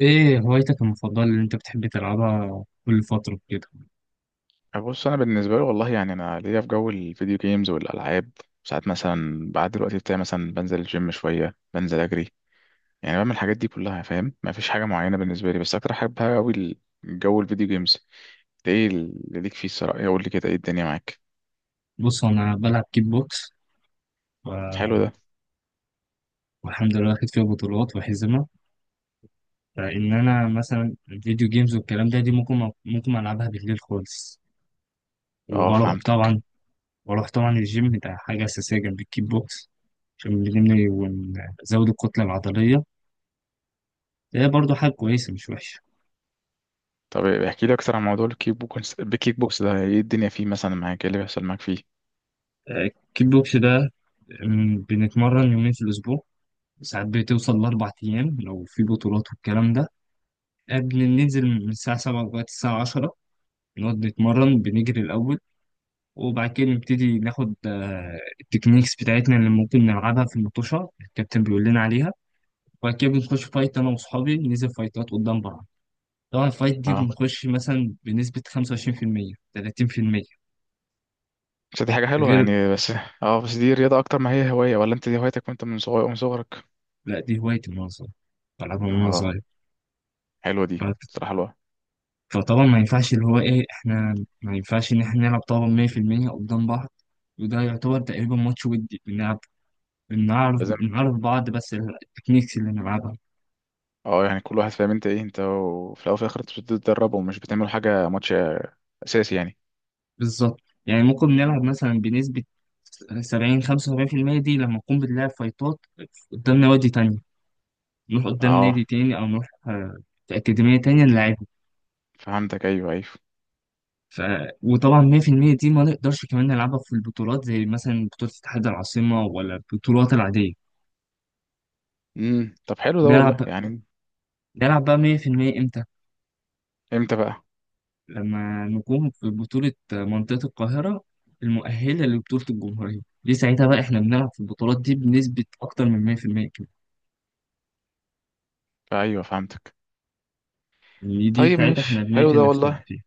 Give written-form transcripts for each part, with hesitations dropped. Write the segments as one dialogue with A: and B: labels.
A: ايه هوايتك المفضلة اللي انت بتحب تلعبها كل فترة كده؟
B: بص انا بالنسبه لي والله يعني انا ليا في جو الفيديو جيمز والالعاب. ساعات مثلا بعد الوقت بتاعي مثلا بنزل الجيم شويه، بنزل اجري، يعني بعمل الحاجات دي كلها، فاهم؟ ما فيش حاجه معينه بالنسبه لي، بس اكتر حاجه بحبها قوي الجو الفيديو جيمز ده. ايه اللي ليك فيه الصراحه؟ إيه قول لي كده، ايه الدنيا معاك؟
A: بص انا بلعب كيك بوكس و-
B: حلو ده.
A: والحمد لله واخد فيها بطولات وحزمة. فان انا مثلا الفيديو جيمز والكلام ده دي ممكن العبها بالليل خالص.
B: اه
A: وبروح
B: فهمتك.
A: طبعا بروح طبعا الجيم ده حاجة اساسية جنب الكيك بوكس، عشان بنبني ونزود الكتلة العضلية. ده برضو حاجة كويسة مش وحشة.
B: طب احكي لي اكتر عن موضوع الكيك بوكس ده ايه الدنيا فيه مثلا معاك؟ ايه اللي بيحصل معاك فيه؟
A: آه، الكيك بوكس ده، بنتمرن يومين في الأسبوع. ساعات بتوصل لأربع أيام لو في بطولات والكلام ده. قبل ننزل من الساعة سبعة لغاية الساعة عشرة نقعد نتمرن، بنجري الأول وبعد كده نبتدي ناخد التكنيكس بتاعتنا اللي ممكن نلعبها في المطوشة، الكابتن بيقول لنا عليها. وبعد كده بنخش فايت أنا وأصحابي، ننزل فايتات قدام بعض. طبعا الفايت دي
B: اه،
A: بنخش مثلا بنسبة 25%، 30%.
B: بس دي حاجه حلوه
A: غير.
B: يعني. بس اه، بس دي رياضه اكتر ما هي هوايه، ولا انت دي هوايتك وانت من صغير من صغرك؟
A: لأ دي هوايتي من وأنا صغير، بلعبها من وأنا
B: اه،
A: صغير.
B: حلوه دي
A: ف-
B: صراحه الواحد.
A: فطبعا ما ينفعش اللي هو إيه إحنا ما ينفعش إن إحنا نلعب طبعا 100% قدام بعض. وده يعتبر تقريبا ماتش، ودي بنلعب بنعرف
B: لازم.
A: بنعرف بعض بس التكنيكس اللي نلعبها.
B: اه يعني كل واحد فاهم انت ايه. انت وفي الاول وفي الاخر انت بتتدربوا ومش بتعملوا حاجه ماتش اساسي يعني.
A: بالظبط. يعني ممكن نلعب مثلا بنسبة 70، 75% دي لما نكون بنلعب فايتات قدام نوادي تانية. نروح قدام
B: اه
A: نادي تاني أو نروح في أكاديمية تانية نلعبهم.
B: فهمتك، ايوه ايوه.
A: ف... وطبعا 100% دي ما نقدرش كمان نلعبها في البطولات زي مثلا بطولة اتحاد العاصمة ولا البطولات العادية.
B: طب حلو ده
A: نلعب
B: والله يعني.
A: نلعب بقى 100% إمتى؟
B: امتى بقى؟
A: لما نقوم في بطولة منطقة القاهرة المؤهلة لبطولة الجمهورية، دي ساعتها بقى احنا بنلعب في البطولات دي بنسبة أكتر من 100% كده.
B: ايوه فهمتك.
A: يعني دي
B: طيب
A: ساعتها
B: مش
A: احنا
B: حلو
A: بنقتل
B: ده
A: نفسنا
B: والله.
A: فيها.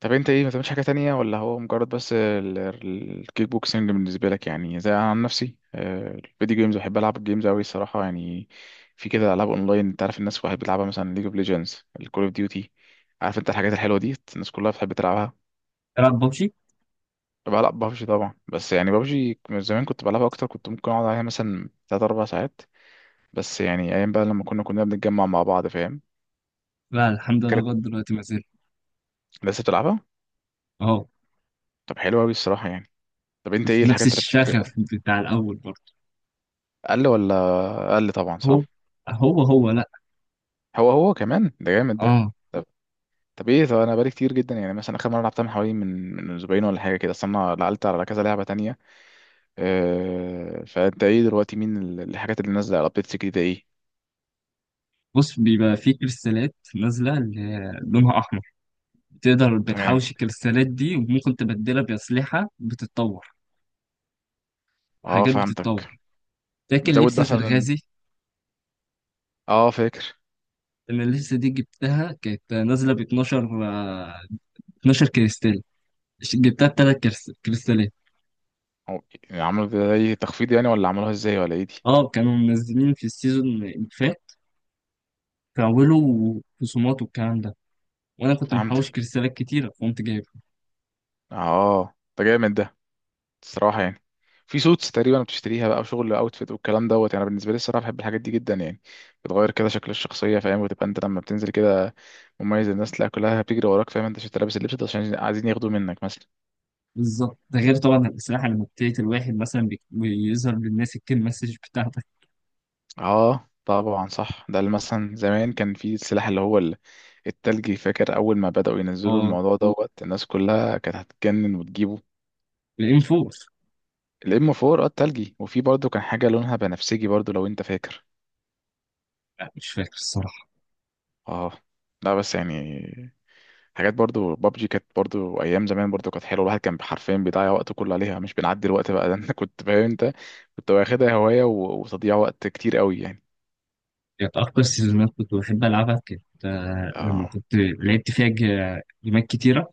B: طب انت ايه، ما بتعملش حاجه تانية، ولا هو مجرد بس الكيك بوكسنج بالنسبه لك؟ يعني زي انا عن نفسي، الفيديو جيمز بحب العب الجيمز قوي الصراحه يعني. في كده العاب اونلاين، انت عارف الناس بتحب تلعبها مثلا، ليج اوف ليجندز، الكول اوف ديوتي، عارف انت الحاجات الحلوه دي الناس كلها بتحب تلعبها.
A: تلعب ببجي؟
B: بلعب ببجي طبعا، بس يعني ببجي من زمان كنت بلعبها اكتر، كنت ممكن اقعد عليها مثلا 3 4 ساعات. بس يعني ايام بقى لما كنا بنتجمع مع بعض، فاهم؟
A: لا الحمد لله،
B: فكانت.
A: لغاية دلوقتي ما زلت.
B: لسه بتلعبها؟
A: اهو.
B: طب حلوه قوي الصراحه يعني. طب انت ايه
A: في نفس
B: الحاجات اللي
A: الشغف
B: بت-
A: بتاع الأول برضه.
B: اقل ولا؟ اقل طبعا،
A: هو
B: صح.
A: هو لا.
B: هو هو كمان ده، جامد ده.
A: اه.
B: طب طب ايه؟ طب انا بقالي كتير جدا يعني، مثلا اخر مره لعبتها من حوالي من اسبوعين ولا حاجه كده، اصل انا لعلت على كذا لعبه تانية. أه، فانت ايه دلوقتي، مين الحاجات اللي نازله على ابديتس جديده ايه؟
A: بص بيبقى في كريستالات نازلة اللي هي لونها أحمر، بتقدر
B: تمام.
A: بتحوش الكريستالات دي وممكن تبدلها بأسلحة بتتطور
B: اه
A: وحاجات بتتطور.
B: فهمتك.
A: فاكر
B: بتزود
A: لبسة
B: مثلا.
A: الغازي؟
B: اه فاكر.
A: انا لسه دي جبتها، كانت نازله ب 12 12 كريستال، جبتها بثلاث كريستالات.
B: هو يعني عملوا زي تخفيض يعني، ولا عملوها ازاي، ولا ايه دي؟
A: اه كانوا منزلين في السيزون اللي فات كاولوا خصومات والكلام ده، وانا كنت محوش
B: فهمتك.
A: كريستالات كتيره فقمت جايبها.
B: اه ده جامد ده الصراحه يعني. في سوتس تقريبا بتشتريها بقى، وشغل اوتفيت والكلام دوت، يعني بالنسبه لي الصراحه بحب الحاجات دي جدا يعني. بتغير كده شكل الشخصيه، فاهم؟ وتبقى انت لما بتنزل كده مميز، الناس تلاقي كلها بتجري وراك، فاهم؟ انت شفت لابس اللبس ده، عشان عايزين ياخدوه منك مثلا.
A: بالظبط. ده غير طبعا الاسلحه، لما بتقتل الواحد مثلا بيظهر للناس الكيل مسج بتاعتك.
B: اه طبعا صح، ده اللي مثلا زمان كان في السلاح اللي هو التلجي، فاكر اول ما بدأوا ينزلوا
A: اه
B: الموضوع دوت الناس كلها كانت هتتجنن وتجيبه؟
A: الام 4.
B: الام 4، اه التلجي. وفي برضه كان حاجه لونها بنفسجي برضه، لو انت فاكر.
A: لا مش فاكر الصراحه.
B: اه، لا بس يعني حاجات برضو بابجي كانت برضو، ايام زمان برضو كانت حلوه. الواحد كان حرفيا بيضيع وقته كله عليها، مش بنعدي الوقت بقى ده انت كنت فاهم انت كنت واخدها هوايه وتضييع وقت كتير قوي يعني.
A: كانت اكتر سيزونات كنت بحب العبها كانت لما
B: اه،
A: كنت لعبت فيها جيمات كتيره،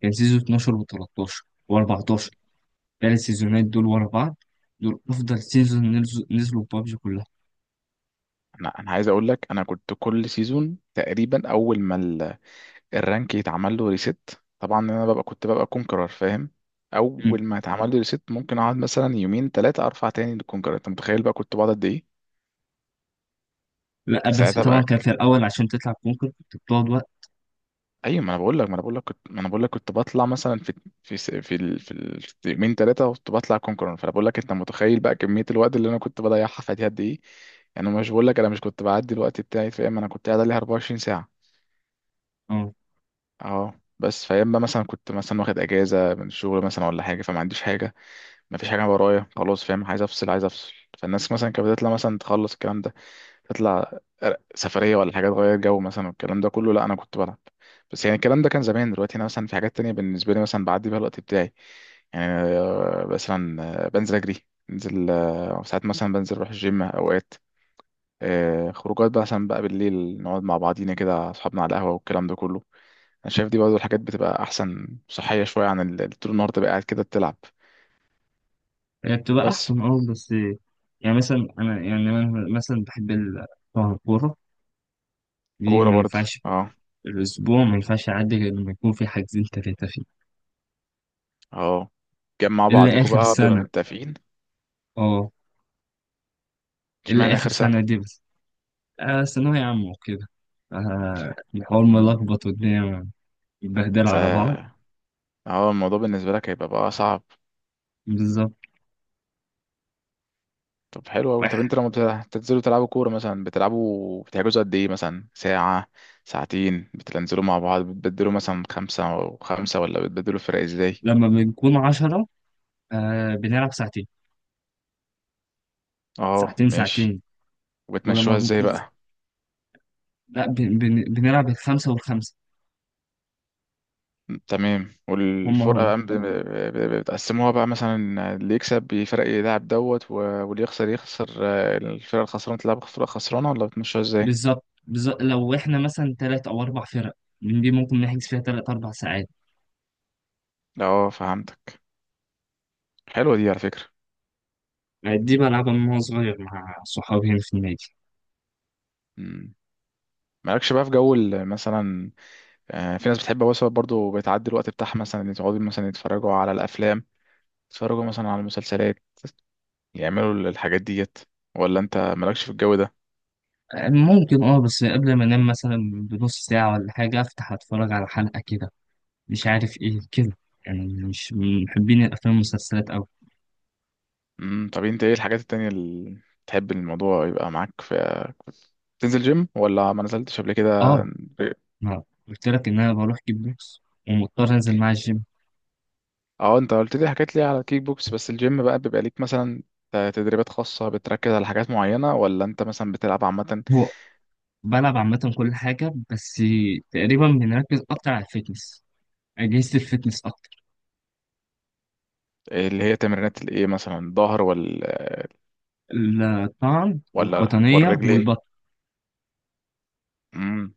A: كان سيزون 12 و13 و14، الثلاث سيزونات دول ورا بعض، دول افضل سيزون نزلوا ببجي كلها.
B: انا عايز اقول لك، انا كنت كل سيزون تقريبا اول ما الرانك يتعمل له ريست، طبعا انا كنت ببقى كونكرر فاهم.
A: مم.
B: اول ما يتعمل لي ريست ممكن اقعد مثلا يومين ثلاثه ارفع تاني للكونكرر. انت متخيل بقى كنت بقعد قد ايه؟
A: لا بس
B: ساعتها
A: طبعا
B: بقى.
A: كان في الاول عشان تطلع كونكر كنت بتقعد وقت.
B: ايوه، ما انا بقول لك ما انا بقول لك كنت ما انا بقول لك كنت بطلع مثلا في، في يومين ثلاثه كنت بطلع كونكرون. فانا بقول لك، انت متخيل بقى كميه الوقت اللي انا كنت بضيعها في دي قد ايه؟ يعني مش بقول لك انا مش كنت بعدي الوقت بتاعي، فاهم؟ انا كنت قاعد عليها 24 ساعه.
A: اه.
B: اه بس فاهم بقى، مثلا كنت مثلا واخد اجازه من الشغل مثلا ولا حاجه، فما عنديش حاجه، ما فيش حاجه ورايا خلاص. فاهم؟ عايز افصل عايز افصل. فالناس مثلا كانت بتطلع مثلا، تخلص الكلام ده، تطلع سفرية ولا حاجة تغير جو مثلا والكلام ده كله، لا أنا كنت بلعب. بس يعني الكلام ده كان زمان. دلوقتي أنا مثلا في حاجات تانية بالنسبة لي مثلا بعدي بيها الوقت بتاعي يعني. مثلا بنزل أجري، بنزل ساعات مثلا بنزل أروح الجيم أوقات، خروجات بقى مثلا بقى بالليل نقعد مع بعضينا كده أصحابنا على القهوة والكلام ده كله. أنا شايف دي برضه الحاجات بتبقى أحسن، صحية شوية عن طول النهار تبقى قاعد كده بتلعب.
A: هي بتبقى
B: بس.
A: احسن، اه بس يعني مثلا انا يعني انا مثلا بحب طبعا الكوره دي
B: كورة
A: ما
B: برضه.
A: ينفعش،
B: اه.
A: الاسبوع ما ينفعش يعدي غير لما يكون في حاجزين ثلاثه فيه.
B: اه. جمع
A: الا
B: بعضيكوا
A: اخر
B: بقى بتبقى
A: سنه
B: متفقين.
A: اه. الا
B: اشمعنى
A: اخر
B: آخر
A: سنه دي بس، ثانوية عامة وكده، الحوار
B: سنة؟
A: ملخبط والدنيا متبهدلة على بعض.
B: فهو الموضوع بالنسبة لك هيبقى بقى صعب.
A: بالظبط.
B: طب حلو أوي. طب
A: واحد.
B: انت لما بتنزلوا تلعبوا كورة مثلا، بتلعبوا بتحجزوا قد ايه مثلا؟ ساعة ساعتين؟ بتنزلوا مع بعض بتبدلوا مثلا خمسة وخمسة، ولا بتبدلوا فرق ازاي؟
A: لما بنكون عشرة بنلعب ساعتين
B: اه
A: ساعتين
B: ماشي.
A: ساعتين. ولما
B: وبتمشوها ازاي
A: بنكون
B: بقى؟
A: لا بنلعب الخمسة والخمسة.
B: تمام.
A: هم
B: والفرقة
A: هم.
B: بقى بتقسموها بقى مثلا، اللي يكسب بيفرق يلعب دوت واللي يخسر يخسر، الفرقة الخسرانة تلعب فرقة خسرانة، ولا بتمشوها ازاي؟
A: بالظبط بالظبط. لو احنا مثلا تلات أو أربع فرق من دي ممكن نحجز فيها تلات أربع ساعات.
B: اه فهمتك. حلوة دي على فكرة.
A: دي بلعبها من وأنا صغير مع صحابي هنا في النادي.
B: مم. مالكش بقى في جو مثلا، في ناس بتحب مثلا برضو بتعدي الوقت بتاعها مثلا إن يقعدوا مثلا يتفرجوا على الافلام، يتفرجوا مثلا على المسلسلات، يعملوا الحاجات ديت؟ ولا انت مالكش في الجو ده؟
A: ممكن. اه بس قبل ما انام مثلا بنص ساعة ولا حاجة افتح اتفرج على حلقة كده، مش عارف ايه كده، يعني مش من محبين الافلام والمسلسلات اوي.
B: طب انت ايه الحاجات التانية اللي تحب الموضوع يبقى معاك في؟ تنزل جيم، ولا ما نزلتش قبل كده؟
A: اه ما قلت لك ان انا بروح كيك بوكس ومضطر انزل مع الجيم.
B: اه انت قلت لي حكيت لي على الكيك بوكس، بس الجيم بقى بيبقى ليك مثلا تدريبات خاصة بتركز على حاجات معينة، ولا انت مثلا بتلعب عامة؟
A: هو بلعب عامة كل حاجة، بس تقريبا بنركز أكتر على الفتنس، أجهزة الفتنس أكتر.
B: اللي هي تمرينات الايه مثلا، الظهر ولا؟
A: الطعن
B: ولا
A: والقطنية
B: والرجلين.
A: والبطن
B: امم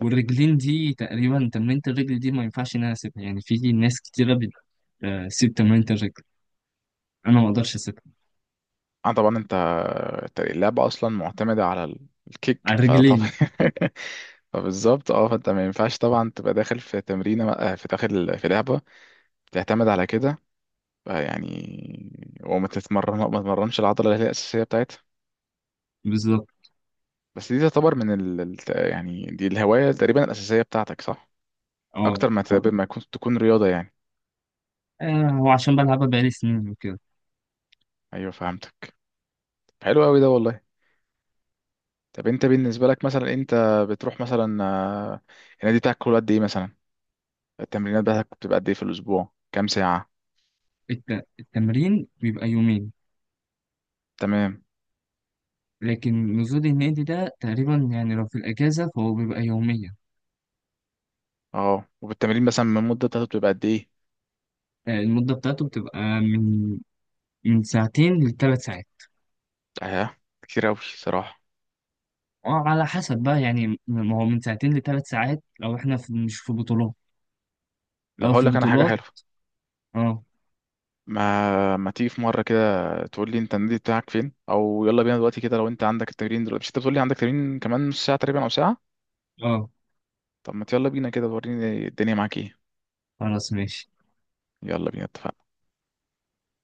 A: والرجلين. دي تقريبا تمرينة الرجل دي ما ينفعش إن أنا أسيبها، يعني في ناس كتيرة بتسيب تمرينة الرجل، أنا ما أقدرش أسيبها.
B: اه طبعا، انت اللعبة اصلا معتمدة على الكيك،
A: على
B: فطبعا
A: الرجلين.
B: فبالظبط، اه فانت ما ينفعش طبعا تبقى داخل في تمرينة، في داخل في لعبة تعتمد على كده يعني، وما تتمرن ما تتمرنش العضلة اللي هي الأساسية بتاعتها.
A: بالظبط.
B: بس دي تعتبر من يعني دي الهواية تقريبا الأساسية بتاعتك، صح؟
A: أه.
B: أكتر ما تبقى ما يكون- تكون رياضة يعني.
A: هو عشان بلعبها بقالي سنين وكده.
B: أيوه فهمتك. حلو أوي ده والله. طب أنت بالنسبة لك مثلا، أنت بتروح مثلا النادي بتاعك كل قد إيه مثلا؟ التمرينات بتاعتك بتبقى قد ايه في الاسبوع، كام ساعه؟
A: التمرين بيبقى يومين.
B: تمام.
A: لكن نزول النادي ده تقريبا يعني لو في الأجازة فهو بيبقى يوميا.
B: اه وبالتمرين مثلا من المده بتاعته بتبقى قد ايه؟
A: المدة بتاعته بتبقى من ساعتين لثلاث ساعات.
B: اه كتير قوي صراحه.
A: وعلى حسب بقى، يعني ما هو من ساعتين لثلاث ساعات لو احنا في مش في بطولات،
B: طب
A: لو
B: هقول
A: في
B: لك انا حاجه
A: بطولات.
B: حلوه،
A: اه.
B: ما تيجي في مره كده تقول لي انت النادي بتاعك فين، او يلا بينا دلوقتي كده لو انت عندك التمرين دلوقتي، مش انت بتقول لي عندك تمرين كمان نص ساعه تقريبا او ساعه؟
A: اه
B: طب ما يلا بينا كده، وريني الدنيا معاك ايه.
A: خلاص ماشي.
B: يلا بينا، اتفقنا.